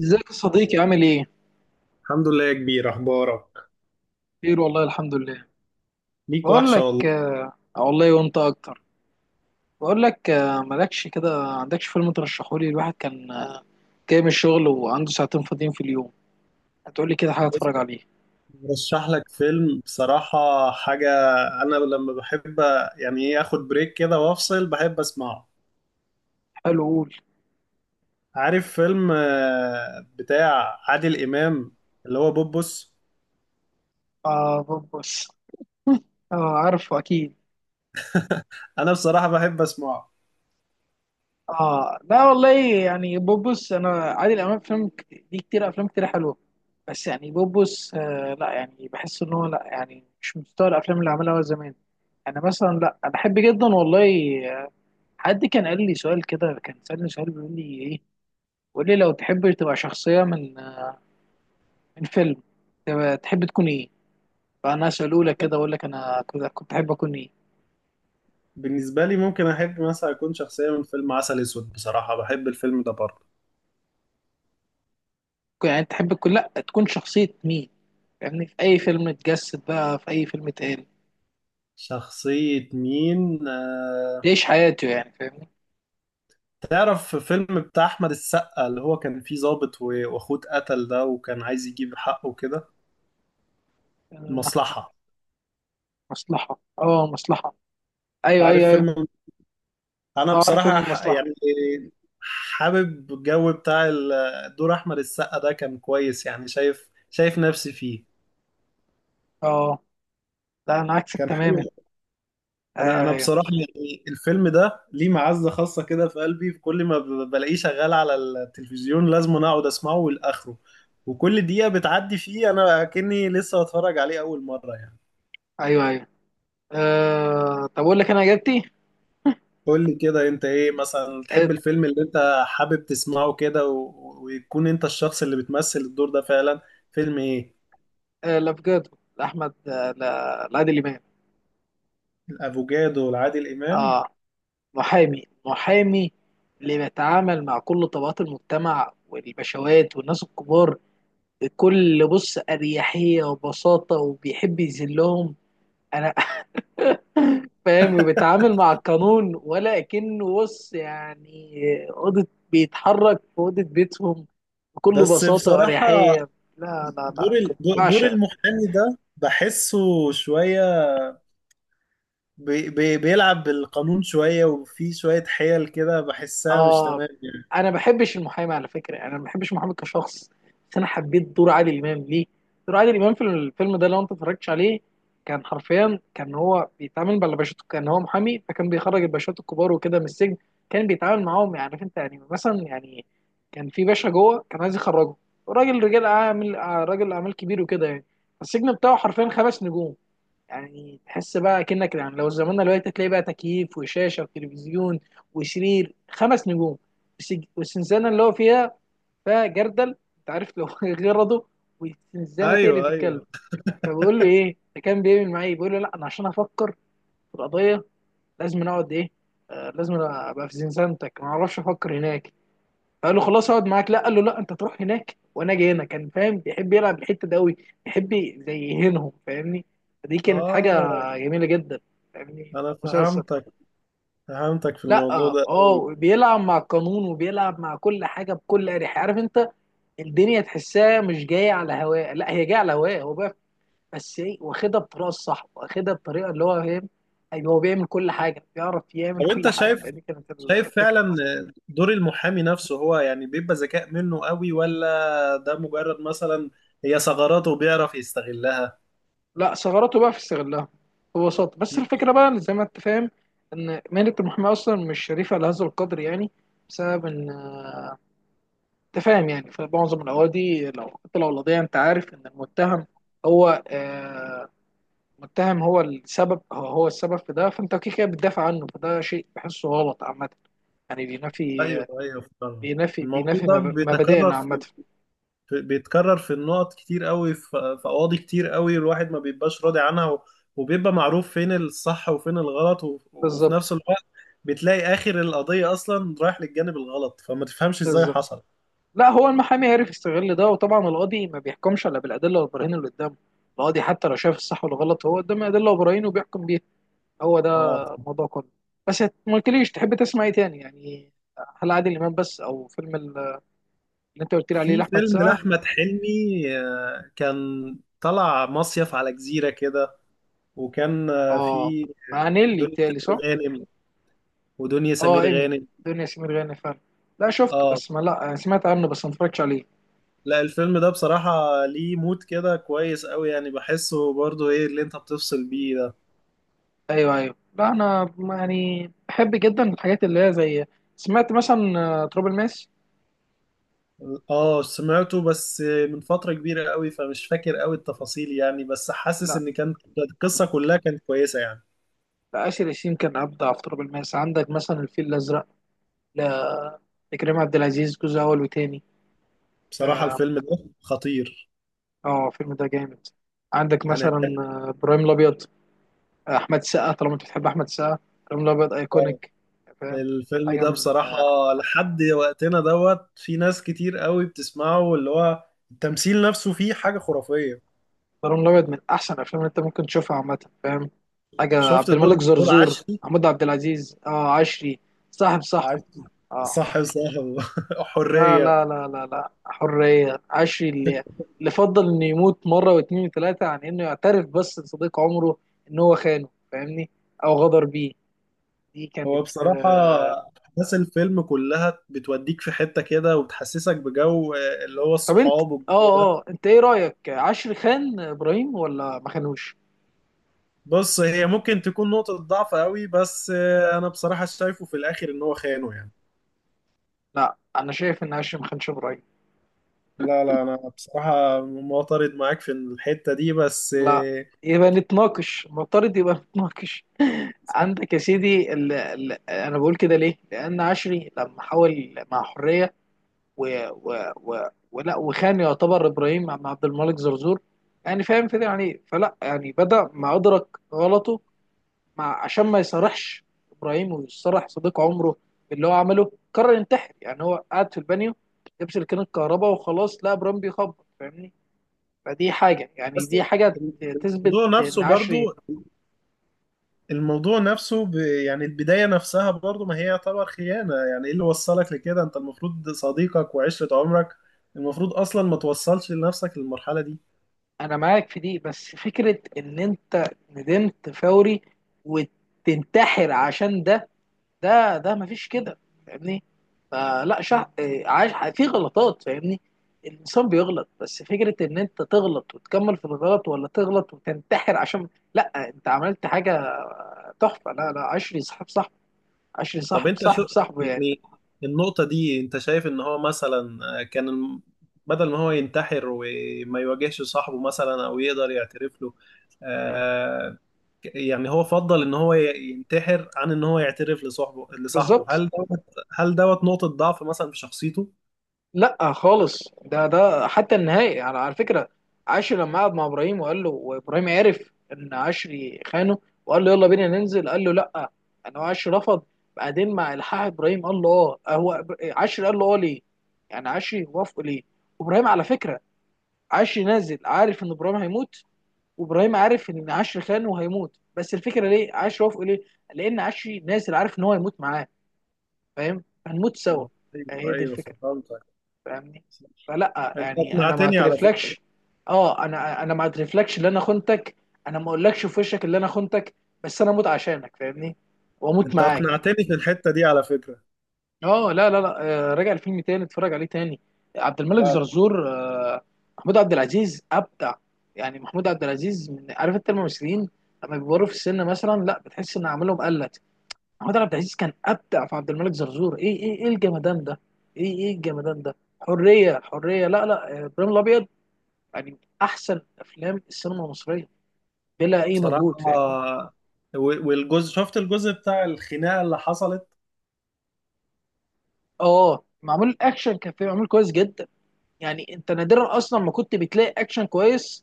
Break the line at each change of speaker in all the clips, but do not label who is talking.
ازيك يا صديقي؟ عامل ايه؟
الحمد لله يا كبير. اخبارك؟
خير والله، الحمد لله.
ليك
بقول
وحشه
لك،
والله.
والله وانت اكتر. بقول لك، مالكش كده عندكش فيلم ترشحه لي؟ الواحد كان، جاي من الشغل وعنده ساعتين فاضيين في اليوم، هتقول لي كده حاجه
بص،
اتفرج عليه.
برشح لك فيلم بصراحه حاجه. انا لما بحب يعني ايه اخد بريك كده وافصل، بحب اسمعه.
حلو، قول.
عارف فيلم بتاع عادل امام اللي هو بوبوس؟
اه، بوبس. اه، عارفه اكيد.
انا بصراحه بحب اسمعه.
اه لا والله. يعني بوبس، انا عادل امام فيلم ليه كتير، افلام كتير حلوه، بس يعني بوبس، لا، يعني بحس ان هو، لا يعني مش مستوى الافلام اللي عملها هو زمان. انا مثلا لا، انا بحب جدا والله. حد كان قال لي سؤال كده، كان سألني سؤال بيقول لي ايه، قول لي لو تحب تبقى شخصية من فيلم، تبقى تحب تكون ايه؟ فانا اساله لك كده، اقول لك انا كنت احب اكون ايه؟
بالنسبه لي ممكن احب مثلا اكون شخصيه من فيلم عسل اسود، بصراحه بحب الفيلم ده برضه.
يعني تحب تكون، لا تكون شخصية مين، فاهمني؟ في اي فيلم اتجسد بقى، في اي فيلم اتقال،
شخصيه مين
تعيش حياته يعني، فاهمني.
تعرف فيلم بتاع احمد السقا اللي هو كان فيه ضابط واخوه اتقتل ده وكان عايز يجيب حقه كده؟
آه، أحمد،
المصلحة.
مصلحة، اه، مصلحة. ايوه
عارف
ايوه ايوه.
فيلم؟ انا
اه، عارف فيلم
بصراحة
المصلحة.
يعني حابب الجو بتاع دور احمد السقا ده، كان كويس يعني. شايف نفسي فيه.
اه لا انا عكسك
كان حلو.
تماما.
انا
ايوه
انا
ايوه
بصراحة يعني الفيلم ده ليه معزة خاصة كده في قلبي. في كل ما بلاقيه شغال على التلفزيون لازم انا اقعد اسمعه لاخره، وكل دقيقة بتعدي فيه انا كأني لسه بتفرج عليه اول مرة يعني.
ايوه ايوه. آه، طب اقول لك انا اجابتي.
قول لي كده، انت ايه مثلا
آه،
تحب الفيلم اللي انت حابب تسمعه كده ويكون انت الشخص اللي بتمثل الدور ده فعلا؟ فيلم ايه؟
لا بجد. احمد آه، لا، لعادل امام.
الافوكادو والعادل امام.
اه، محامي محامي، اللي بيتعامل مع كل طبقات المجتمع والبشوات والناس الكبار، بكل بص اريحيه وبساطه، وبيحب يذلهم. انا فاهم، وبيتعامل مع القانون ولا كأنه، بص يعني، اوضه، بيتحرك في اوضه بيتهم بكل
بس
بساطه
بصراحة
واريحيه. لا لا لا،
دور ال...
كنت
دور
بعشق.
المحامي ده بحسه شوية، بيلعب بالقانون شوية، وفي شوية حيل كده بحسها مش
اه،
تمام يعني.
انا ما بحبش المحامي على فكره، يعني انا ما بحبش المحامي كشخص، بس انا حبيت دور عادل امام ليه. دور عادل امام في الفيلم ده، لو انت اتفرجتش عليه، كان حرفيا كان هو بيتعامل مع الباشات، كان هو محامي، فكان بيخرج الباشات الكبار وكده من السجن. كان بيتعامل معاهم، يعني عارف انت يعني، مثلا يعني، كان في باشا جوه كان عايز يخرجه، راجل رجال اعمال، راجل اعمال كبير وكده يعني. السجن بتاعه حرفيا 5 نجوم. يعني تحس بقى كأنك، يعني لو زماننا دلوقتي، تلاقي بقى تكييف وشاشة وتلفزيون وسرير 5 نجوم. والسنزانة اللي هو فيها، فيها جردل، انت عارف لو غرضه. والسنزانة تقرف
ايوه
الكلب.
ايوه.
فبقول له ايه ده؟ كان بيعمل معايا إيه؟ بيقول له لا انا عشان افكر في القضية لازم أنا اقعد ايه، آه لازم أنا ابقى في زنزانتك، ما اعرفش افكر هناك. قال له خلاص اقعد معاك. لا، قال له لا، انت تروح هناك وانا جاي هنا. كان فاهم، بيحب يلعب الحته ده قوي، بيحب زي يهينهم، فاهمني. فدي كانت حاجه
اه
جميله جدا، فاهمني،
انا
مسلسل.
فهمتك، فهمتك في
لا،
الموضوع ده.
اه، بيلعب مع القانون وبيلعب مع كل حاجه بكل اريحيه، عارف انت. الدنيا تحسها مش جايه على هواه، لا هي جايه على هواه هو بقى، بس ايه، واخدها بطريقه الصح، واخدها بطريقه اللي هو فاهم. ايوه، هو بيعمل كل حاجه، بيعرف يعمل
طب
كل
انت
حاجه.
شايف،
فدي كانت الفكره
فعلا
بس.
دور المحامي نفسه هو يعني بيبقى ذكاء منه قوي، ولا ده مجرد مثلا هي ثغراته بيعرف يستغلها؟
لا، ثغراته بقى في استغلها ببساطة. بس الفكرة بقى، اللي زي ما انت فاهم، ان مهنة المحاماة اصلا مش شريفة لهذا القدر يعني، بسبب ان، انت فاهم يعني، في معظم الاوادي لو حتى لو القضية، انت عارف ان المتهم هو، المتهم هو السبب، هو السبب في ده، فانت كده كده بتدافع عنه، فده شيء بحسه غلط عامة. يعني بينافي،
ايوه ايوه فعلا.
بينافي
الموضوع
بينافي
ده بيتكرر
مبادئنا عامة.
في، بيتكرر في النقط كتير قوي، في قواضي كتير قوي الواحد ما بيبقاش راضي عنها، وبيبقى معروف فين الصح وفين الغلط، وفي نفس
بالظبط.
الوقت بتلاقي اخر القضية اصلا رايح للجانب الغلط فما تفهمش ازاي
بالظبط.
حصل.
لا هو المحامي عرف يستغل ده، وطبعا القاضي ما بيحكمش الا بالادله والبراهين اللي قدامه. القاضي حتى لو شايف الصح ولا غلط، هو قدامه ادله وبراهين، وبيحكم بيها. هو ده
اه
الموضوع كله. بس ما قلتليش تحب تسمع ايه تاني يعني؟ هل عادل امام بس او فيلم اللي انت قلت لي عليه
في
لاحمد
فيلم
السقا؟
لأحمد حلمي، كان طلع مصيف على جزيرة كده، وكان
اه،
في
مع نيلي
دنيا
بتالي
سمير
صح؟
غانم. ودنيا
اه،
سمير
ايمي.
غانم
دنيا سمير غانم فعلا. لا شفته
اه
بس ما، لا يعني سمعت عنه بس ما اتفرجتش عليه.
لا الفيلم ده بصراحة ليه مود كده كويس قوي يعني، بحسه برضو ايه اللي انت بتفصل بيه ده.
ايوه ايوه، لا انا يعني بحب جدا الحاجات اللي هي زي، سمعت مثلا، تراب الماس.
اه سمعته بس من فترة كبيرة قوي فمش فاكر قوي التفاصيل يعني، بس حاسس
لا،
ان كانت القصة كلها كانت كويسة يعني.
آسر ياسين كان أبدع في تراب الماس. عندك مثلا الفيل الأزرق، لا- لكريم عبد العزيز، جزء أول وتاني.
بصراحة
آه،
الفيلم ده خطير.
الفيلم ده جامد. عندك
يعني
مثلا،
كان
إبراهيم الأبيض. أحمد السقا، طالما أنت بتحب أحمد السقا، إبراهيم الأبيض
آه،
أيكونيك، فاهم.
الفيلم
حاجة
ده
من
بصراحة
آه،
لحد وقتنا دوت في ناس كتير قوي بتسمعه، واللي هو التمثيل نفسه فيه حاجة خرافية.
إبراهيم الأبيض من أحسن الأفلام اللي أنت ممكن تشوفها عامة، فاهم. حاجة
شفت
عبد
دور،
الملك زرزور،
عشري؟
محمود عبد العزيز، آه عشري، صاحب صاحبه.
عشري
آه.
صح وصاحب
لا
حرية.
لا لا لا لا، حرية، عشري اللي اللي فضل انه يموت مرة واتنين وتلاتة عن انه يعترف بس لصديق عمره ان هو خانه، فاهمني، او غدر بيه. دي كانت،
هو بصراحة أحداث الفيلم كلها بتوديك في حتة كده، وبتحسسك بجو اللي هو
طب انت،
الصحاب والجو ده.
اه اه انت ايه رأيك؟ عشري خان ابراهيم ولا ما خانوش؟
بص هي ممكن تكون نقطة ضعف قوي، بس أنا بصراحة شايفه في الآخر إن هو خانه يعني.
لا انا شايف ان عشري ما خانش ابراهيم.
لا لا انا بصراحة معترض معاك في الحتة دي بس
لا، يبقى نتناقش، المفترض يبقى نتناقش.
صح.
عندك يا سيدي، انا بقول كده ليه، لان عشري لما حاول مع حرية و و و ولا وخان، يعتبر ابراهيم مع عبد الملك زرزور، يعني فاهم كده يعني إيه؟ فلا يعني، بدأ ما أدرك غلطه، مع عشان ما يصرحش ابراهيم ويصرح صديق عمره اللي هو عمله، قرر ينتحر. يعني هو قاعد في البانيو، لبس كان الكهرباء وخلاص، لا ابراهيم بيخبط، فاهمني. فدي حاجه يعني،
بس
دي حاجه تثبت
الموضوع
ان
نفسه برضو،
عشري،
الموضوع نفسه يعني البداية نفسها برضو ما هي يعتبر خيانة يعني. ايه اللي وصلك لكده؟ انت المفروض صديقك وعشرة عمرك المفروض اصلا ما توصلش لنفسك للمرحلة دي.
انا معاك في دي بس. فكره ان انت ندمت فوري وتنتحر عشان ده، ده مفيش كده، فاهمني. فلا شع... آه، عايش في غلطات، فاهمني. الانسان بيغلط، بس فكره ان انت تغلط وتكمل في الغلط، ولا تغلط وتنتحر عشان، لا انت عملت حاجه تحفه. لا لا، عشري صاحب صاحب، عشري
طب
صاحب
انت شو
صاحب صاحبه يعني.
يعني، النقطة دي انت شايف ان هو مثلا كان بدل ما هو ينتحر وما يواجهش صاحبه مثلا او يقدر يعترف له، آه، يعني هو فضل ان هو ينتحر عن ان هو يعترف لصاحبه،
بالظبط.
هل دوت، نقطة ضعف مثلا في شخصيته؟
لا خالص، ده ده حتى النهائي، على فكره، عشري لما قعد مع ابراهيم وقال له، وابراهيم عرف ان عشري خانه، وقال له يلا بينا ننزل، قال له لا، انا عشري رفض. بعدين مع الحاح ابراهيم قال له اه. هو عشري قال له اه ليه؟ يعني عشري وافقه ليه؟ وابراهيم على فكره، عشري نازل عارف ان ابراهيم هيموت، وابراهيم عارف ان عشري خانه وهيموت، بس الفكره ليه عشري وافقه ليه؟ لان عشري نازل عارف ان هو هيموت معاه، فاهم، هنموت سوا.
اه ايوه
هي دي
ايوه.
الفكره،
فهمتك.
فاهمني. فلا
انت
يعني، انا ما
اقنعتني على فكرة.
اعترفلكش. اه، انا ما اعترفلكش اللي انا خنتك، انا ما اقولكش في وشك اللي انا خنتك، بس انا اموت عشانك، فاهمني، واموت
انت
معاك.
اقنعتني في الحتة دي على فكرة.
اه لا لا لا، راجع الفيلم تاني، اتفرج عليه تاني. عبد الملك
لا لا
زرزور، محمود عبد العزيز ابدع. يعني محمود عبد العزيز، من عارف انت الممثلين لما بيكبروا في السن، مثلا لا بتحس ان اعمالهم قلت. محمود عبد العزيز كان ابدع في عبد الملك زرزور. ايه ايه ايه الجمدان ده؟ ايه ايه الجمدان ده؟ حريه، حريه، لا لا، ابراهيم الابيض. يعني من احسن افلام السينما المصريه، بلا اي
بصراحة،
مجهود، فاهمني.
والجزء شفت الجزء بتاع الخناقة اللي حصلت.
اه، معمول، الاكشن كان فيه معمول كويس جدا. يعني انت نادرا اصلا ما كنت بتلاقي اكشن كويس،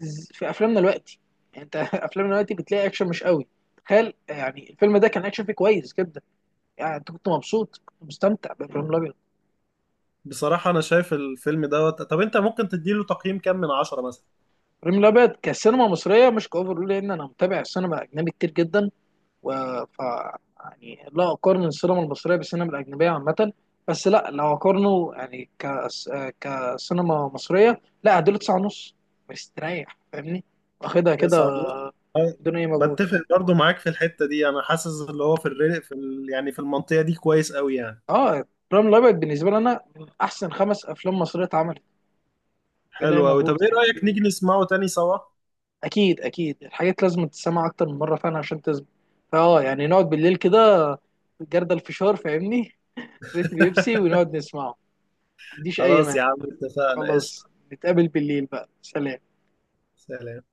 في افلامنا دلوقتي. يعني انت افلامنا دلوقتي بتلاقي اكشن مش قوي. تخيل يعني، الفيلم ده كان اكشن فيه كويس جدا. يعني انت كنت مبسوط، كنت مستمتع بابراهيم الابيض.
بصراحة انا شايف الفيلم دوت، طب انت ممكن تديله تقييم كام من عشرة مثلا؟
ريم الابيض كسينما مصريه مش كاوفر، لان انا متابع السينما الاجنبي كتير جدا، و ف يعني لا اقارن السينما المصريه بالسينما الاجنبيه عامه، بس لا، لو اقارنه، يعني كسينما مصريه، لا اديله 9.5، مستريح، فاهمني، واخدها كده
تسعة ونص. أه،
بدون اي مجهود.
بتفق برضو معاك في الحتة دي، انا حاسس اللي هو في الريق في يعني في المنطقة دي كويس قوي يعني.
اه، ريم الابيض بالنسبه لي انا من احسن 5 افلام مصريه اتعملت، بلا اي
حلو أوي، طب
مجهود
إيه
يعني.
رأيك نيجي نسمعه تاني سوا؟
اكيد اكيد، الحاجات لازم تتسمع اكتر من مره فعلا عشان تثبت. يعني نقعد بالليل كده، جردل الفشار، فاهمني، ريت البيبسي، ونقعد نسمعه، ما عنديش اي
خلاص يا
مانع.
عم اتفقنا قشطة.
خلاص. نتقابل بالليل بقى، سلام.
سلام.